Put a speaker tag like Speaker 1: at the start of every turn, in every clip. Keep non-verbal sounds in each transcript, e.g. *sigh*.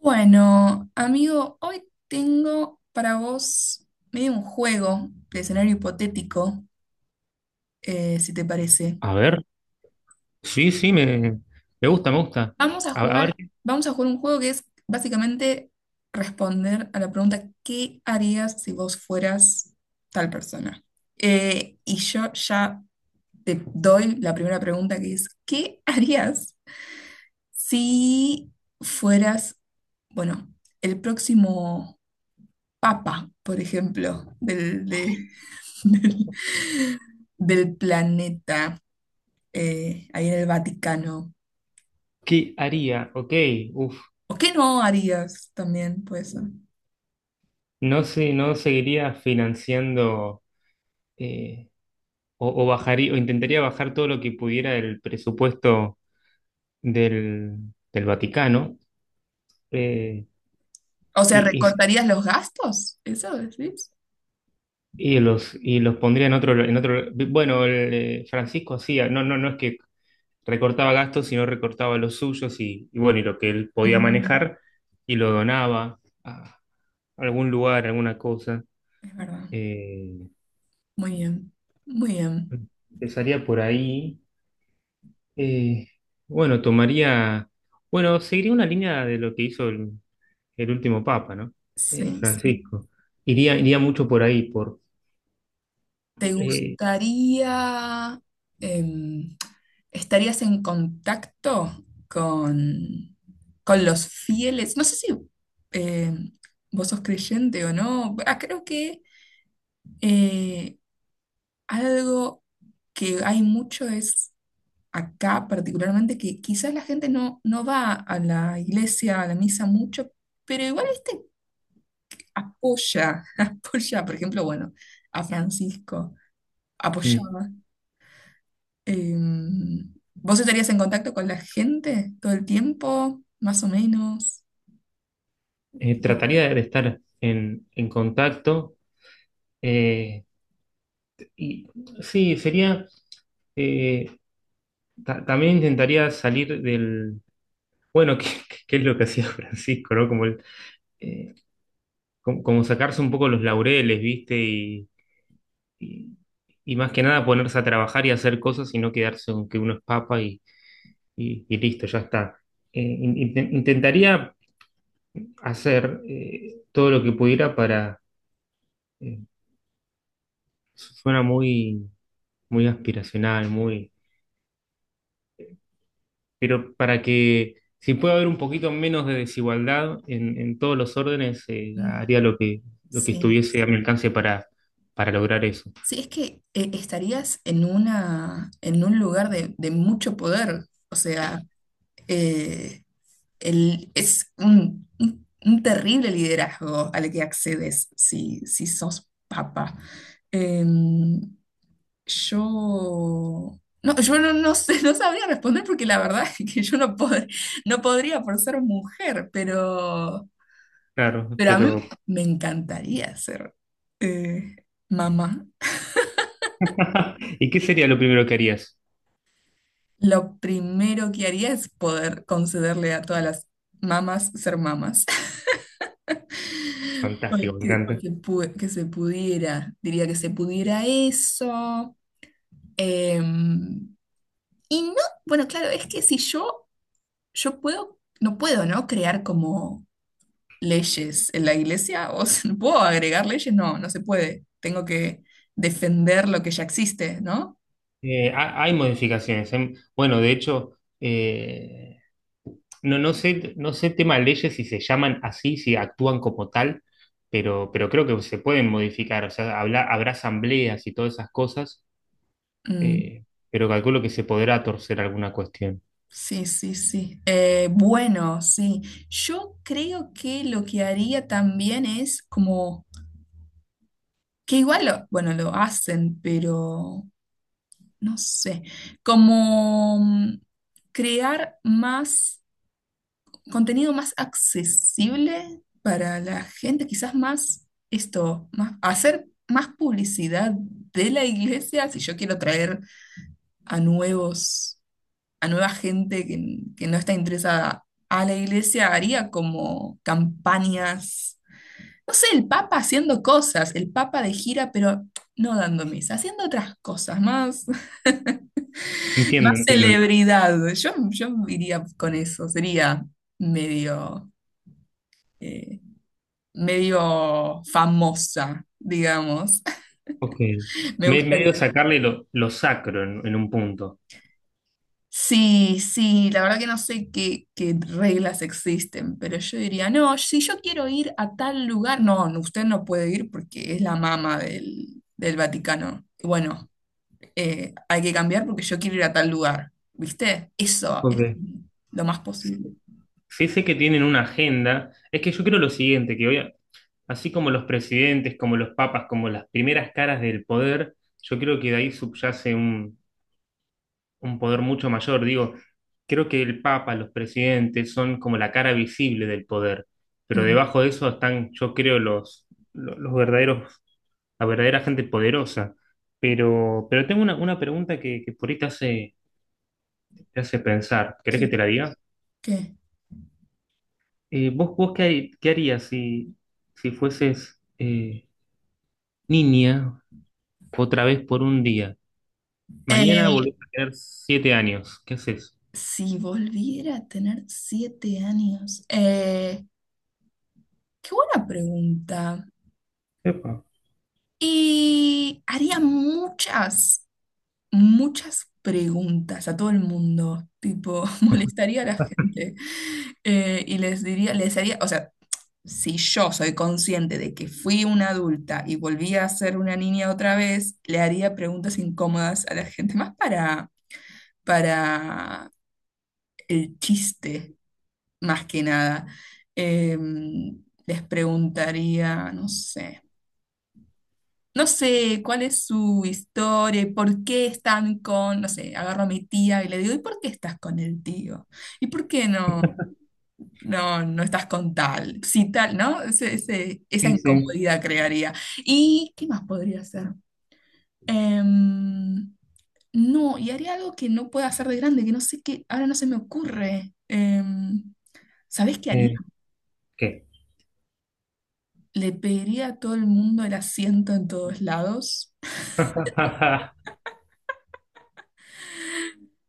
Speaker 1: Bueno, amigo, hoy tengo para vos medio un juego de escenario hipotético, si te parece.
Speaker 2: A ver, sí, sí, me gusta, me gusta.
Speaker 1: Vamos a
Speaker 2: A, a ver,
Speaker 1: jugar, vamos a jugar un juego que es básicamente responder a la pregunta ¿qué harías si vos fueras tal persona? Y yo ya te doy la primera pregunta que es ¿qué harías si fueras, bueno, el próximo papa, por ejemplo, *laughs* del, del planeta ahí en el Vaticano.
Speaker 2: ¿Qué haría? Ok, uf,
Speaker 1: ¿O qué no harías también? Pues,
Speaker 2: no sé, no seguiría financiando eh, o bajaría, o intentaría bajar todo lo que pudiera del presupuesto del, del Vaticano, eh,
Speaker 1: o sea,
Speaker 2: y, y-
Speaker 1: ¿recortarías los gastos? ¿Eso decís?
Speaker 2: y y los pondría en en otro, bueno, Francisco hacía, no, no, no es que recortaba gastos, sino recortaba los suyos y bueno, y lo que él podía
Speaker 1: Mm,
Speaker 2: manejar y lo donaba algún lugar, alguna cosa.
Speaker 1: es verdad.
Speaker 2: eh,
Speaker 1: Muy bien. Muy bien.
Speaker 2: Empezaría por ahí. eh, bueno, bueno, seguiría una línea de lo que hizo el último papa, ¿no?
Speaker 1: Sí, sí.
Speaker 2: Francisco. Iría mucho por ahí,
Speaker 1: ¿Te
Speaker 2: eh,
Speaker 1: gustaría, em, estarías en contacto con los fieles? No sé si, em, vos sos creyente o no. Ah, creo que eh, algo que hay mucho es acá particularmente que quizás la gente no, no va a la iglesia, a la misa mucho, pero igual este apoya, *laughs* apoya, por ejemplo, bueno, a Francisco,
Speaker 2: mm,
Speaker 1: apoyaba. Eh, ¿Vos estarías en contacto con la gente todo el tiempo, más o menos?
Speaker 2: trataría de estar en contacto. eh, y sí, sería, eh, también intentaría salir bueno, *laughs* qué que es lo que hacía Francisco, ¿no? Eh, como sacarse un poco los laureles, ¿viste? Y- y más que nada ponerse a trabajar y hacer cosas y no quedarse con que uno es papa y listo, ya está. Intentaría hacer todo lo que pudiera para, eh, suena muy aspiracional, muy, pero para que si puede haber un poquito menos de desigualdad en todos los órdenes,
Speaker 1: Mm,
Speaker 2: haría lo que
Speaker 1: sí.
Speaker 2: estuviese a mi alcance para lograr eso.
Speaker 1: Sí, es que estarías en una, en un lugar de mucho poder, o sea, eh, es un, un terrible liderazgo al que accedes si, si sos papa. Em, yo, no, yo no, no sé, no sabría responder porque la verdad *laughs* es que yo no, no podría por ser mujer,
Speaker 2: Claro,
Speaker 1: pero a
Speaker 2: pero
Speaker 1: mí me encantaría ser eh, mamá.
Speaker 2: *laughs* ¿Y qué sería lo primero que harías?
Speaker 1: Lo primero que haría es poder concederle a todas las mamás ser mamás.
Speaker 2: Fantástico, me
Speaker 1: Que,
Speaker 2: encanta.
Speaker 1: que se pudiera, diría que se pudiera eso. Em, y no, bueno, claro, es que si yo, yo puedo, no puedo, ¿no? Crear como leyes en la iglesia, o sea, ¿no puedo agregar leyes? No, no se puede. Tengo que defender lo que ya existe, ¿no?
Speaker 2: Hay modificaciones. Em, bueno, de hecho, no, no sé, no sé tema de leyes si se llaman así, si actúan como tal, pero creo que se pueden modificar. O sea, habrá asambleas y todas esas cosas,
Speaker 1: Mm,
Speaker 2: eh, pero calculo que se podrá torcer alguna cuestión.
Speaker 1: sí, sí, sí. Bueno, sí. Yo creo que lo que haría también es como que igual, bueno, lo hacen, pero no sé, como crear más contenido más accesible para la gente, quizás más esto, más, hacer más publicidad de la iglesia si yo quiero traer a nuevos, a nueva gente que no está interesada a la iglesia, haría como campañas, no sé, el Papa haciendo cosas, el Papa de gira, pero no dando misa, haciendo otras cosas, más, *laughs*
Speaker 2: Entiendo,
Speaker 1: más
Speaker 2: entiendo.
Speaker 1: celebridad. Yo iría con eso, sería medio, eh, medio famosa, digamos.
Speaker 2: Ok.
Speaker 1: *laughs* Me
Speaker 2: Medio
Speaker 1: gustaría.
Speaker 2: sacarle lo sacro en un punto.
Speaker 1: Sí, sí, la verdad que no sé qué, qué reglas existen, pero yo diría, no, si yo quiero ir a tal lugar, no, no, usted no puede ir porque es la mama del, del Vaticano. Bueno, hay que cambiar porque yo quiero ir a tal lugar, ¿viste? Eso es
Speaker 2: Ok.
Speaker 1: lo más posible.
Speaker 2: Sí sé que tienen una agenda. Es que yo creo lo siguiente, que hoy, así como los presidentes, como los papas, como las primeras caras del poder, yo creo que de ahí subyace un poder mucho mayor. Digo, creo que el papa, los presidentes son como la cara visible del poder, pero
Speaker 1: Mm,
Speaker 2: debajo de eso están, yo creo, los verdaderos, la verdadera gente poderosa. Pero tengo una pregunta que por ahí te hace pensar. ¿Querés que
Speaker 1: sí,
Speaker 2: te la diga?
Speaker 1: ¿qué?
Speaker 2: Vos ¿qué harías si, si fueses niña otra vez por un día? Mañana
Speaker 1: Eh,
Speaker 2: volvés a tener 7 años. ¿Qué haces?
Speaker 1: si volviera a tener 7 años, qué buena pregunta.
Speaker 2: Epa.
Speaker 1: Y haría muchas, muchas preguntas a todo el mundo, tipo, *laughs* molestaría a la gente, y les diría, les haría, o sea, si yo soy consciente de que fui una adulta y volví a ser una niña otra vez, le haría preguntas incómodas a la gente, más para el chiste, más que nada. Les preguntaría, no sé. No sé cuál es su historia y por qué están con, no sé, agarro a mi tía y le digo, ¿y por qué estás con el tío? ¿Y por qué no, no, no estás con tal? Si tal, ¿no? Esa
Speaker 2: Sí, sí.
Speaker 1: incomodidad crearía. ¿Y qué más podría hacer? Em, no, y haría algo que no pueda hacer de grande, que no sé qué, ahora no se me ocurre. ¿Sabés qué haría?
Speaker 2: Eh, ¿Qué?
Speaker 1: Le pediría a todo el mundo el asiento en todos lados.
Speaker 2: *laughs* La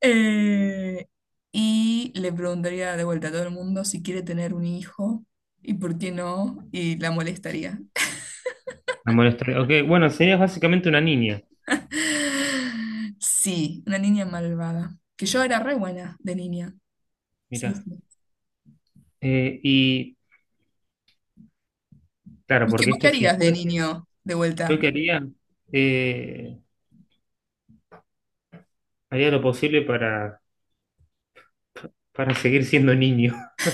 Speaker 1: Eh, y le preguntaría de vuelta a todo el mundo si quiere tener un hijo y por qué no, y la molestaría. *gasps*
Speaker 2: molestaré. Ok, bueno, serías básicamente una niña.
Speaker 1: *laughs* Sí, una niña malvada. Que yo era re buena de niña. Sí,
Speaker 2: Mira.
Speaker 1: sí.
Speaker 2: Y claro,
Speaker 1: ¿Y qué,
Speaker 2: porque
Speaker 1: vos qué
Speaker 2: este si
Speaker 1: harías de
Speaker 2: fuese,
Speaker 1: niño de
Speaker 2: yo
Speaker 1: vuelta?
Speaker 2: que haría, eh, haría lo posible para seguir siendo niño. *laughs*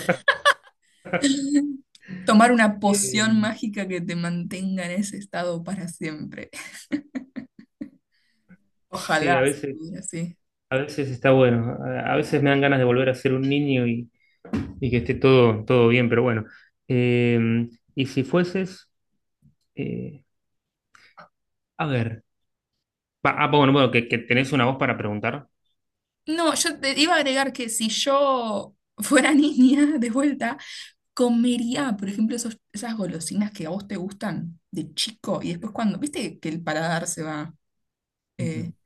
Speaker 1: *laughs* Tomar una
Speaker 2: Eh,
Speaker 1: poción mágica que te mantenga en ese estado para siempre. *laughs*
Speaker 2: sí,
Speaker 1: Ojalá se pudiera, sí.
Speaker 2: a veces está bueno. A veces me dan ganas de volver a ser un niño y que esté todo, todo bien, pero bueno. Eh, y si fueses, eh, a ver. Va, ah, bueno, bueno, que tenés una voz para preguntar.
Speaker 1: No, yo te iba a agregar que si yo fuera *laughs* niña de vuelta, comería, por ejemplo, esas golosinas que a vos te gustan de chico y después cuando, viste que el paladar se va eh,
Speaker 2: Ujú.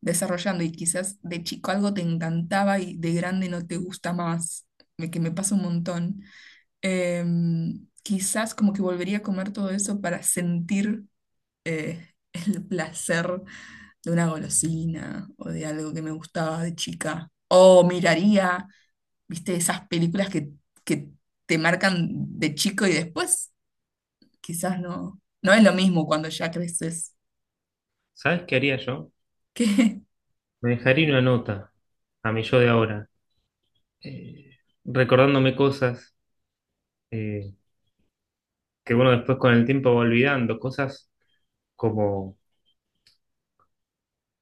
Speaker 1: desarrollando, y quizás de chico algo te encantaba y de grande no te gusta más, que me pasa un montón. Quizás como que volvería a comer todo eso para sentir eh, *laughs* el placer de una golosina o de algo que me gustaba de chica. O miraría, viste, esas películas que te marcan de chico y después quizás no, no es lo mismo cuando ya creces.
Speaker 2: ¿Sabes qué haría yo?
Speaker 1: Que
Speaker 2: Me dejaría una nota a mi yo de ahora, eh, recordándome cosas eh, que uno después con el tiempo va olvidando, cosas como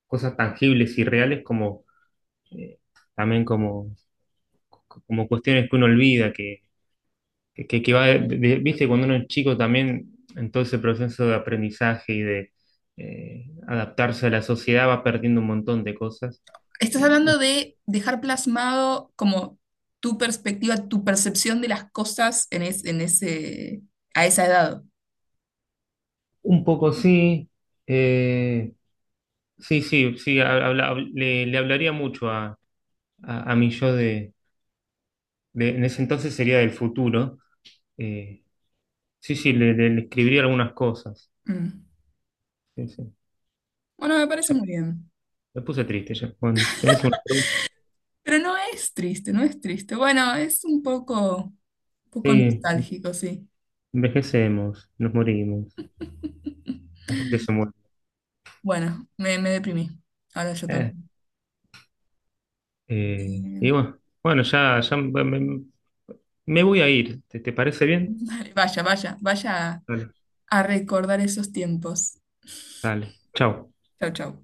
Speaker 2: cosas tangibles y reales, como eh, también como, como cuestiones que uno olvida, que va, viste, cuando uno es chico también, en todo ese proceso de aprendizaje y de adaptarse a la sociedad, va perdiendo un montón de cosas.
Speaker 1: *laughs* estás hablando de dejar plasmado como tu perspectiva, tu percepción de las cosas en, en ese, a esa edad.
Speaker 2: Un poco sí. Eh, sí, sí, sí, le hablaría mucho a mi yo en ese entonces sería del futuro. Eh, sí, sí, le escribiría algunas cosas.
Speaker 1: Mm.
Speaker 2: Sí, sí.
Speaker 1: Bueno, me
Speaker 2: Ya
Speaker 1: parece muy bien.
Speaker 2: me puse triste ya. Bueno, tenés una pregunta.
Speaker 1: Pero no es triste, no es triste. Bueno, es un poco
Speaker 2: Sí,
Speaker 1: nostálgico, sí.
Speaker 2: envejecemos, nos morimos,
Speaker 1: *laughs*
Speaker 2: la gente se muere.
Speaker 1: Bueno, me deprimí. Ahora yo
Speaker 2: Eh,
Speaker 1: también.
Speaker 2: y
Speaker 1: Eh,
Speaker 2: bueno, bueno, ya me voy a ir. ¿Te, te parece bien?
Speaker 1: *laughs* vaya, vaya, vaya
Speaker 2: Dale,
Speaker 1: a recordar esos tiempos.
Speaker 2: dale. Chao.
Speaker 1: Chau, chau.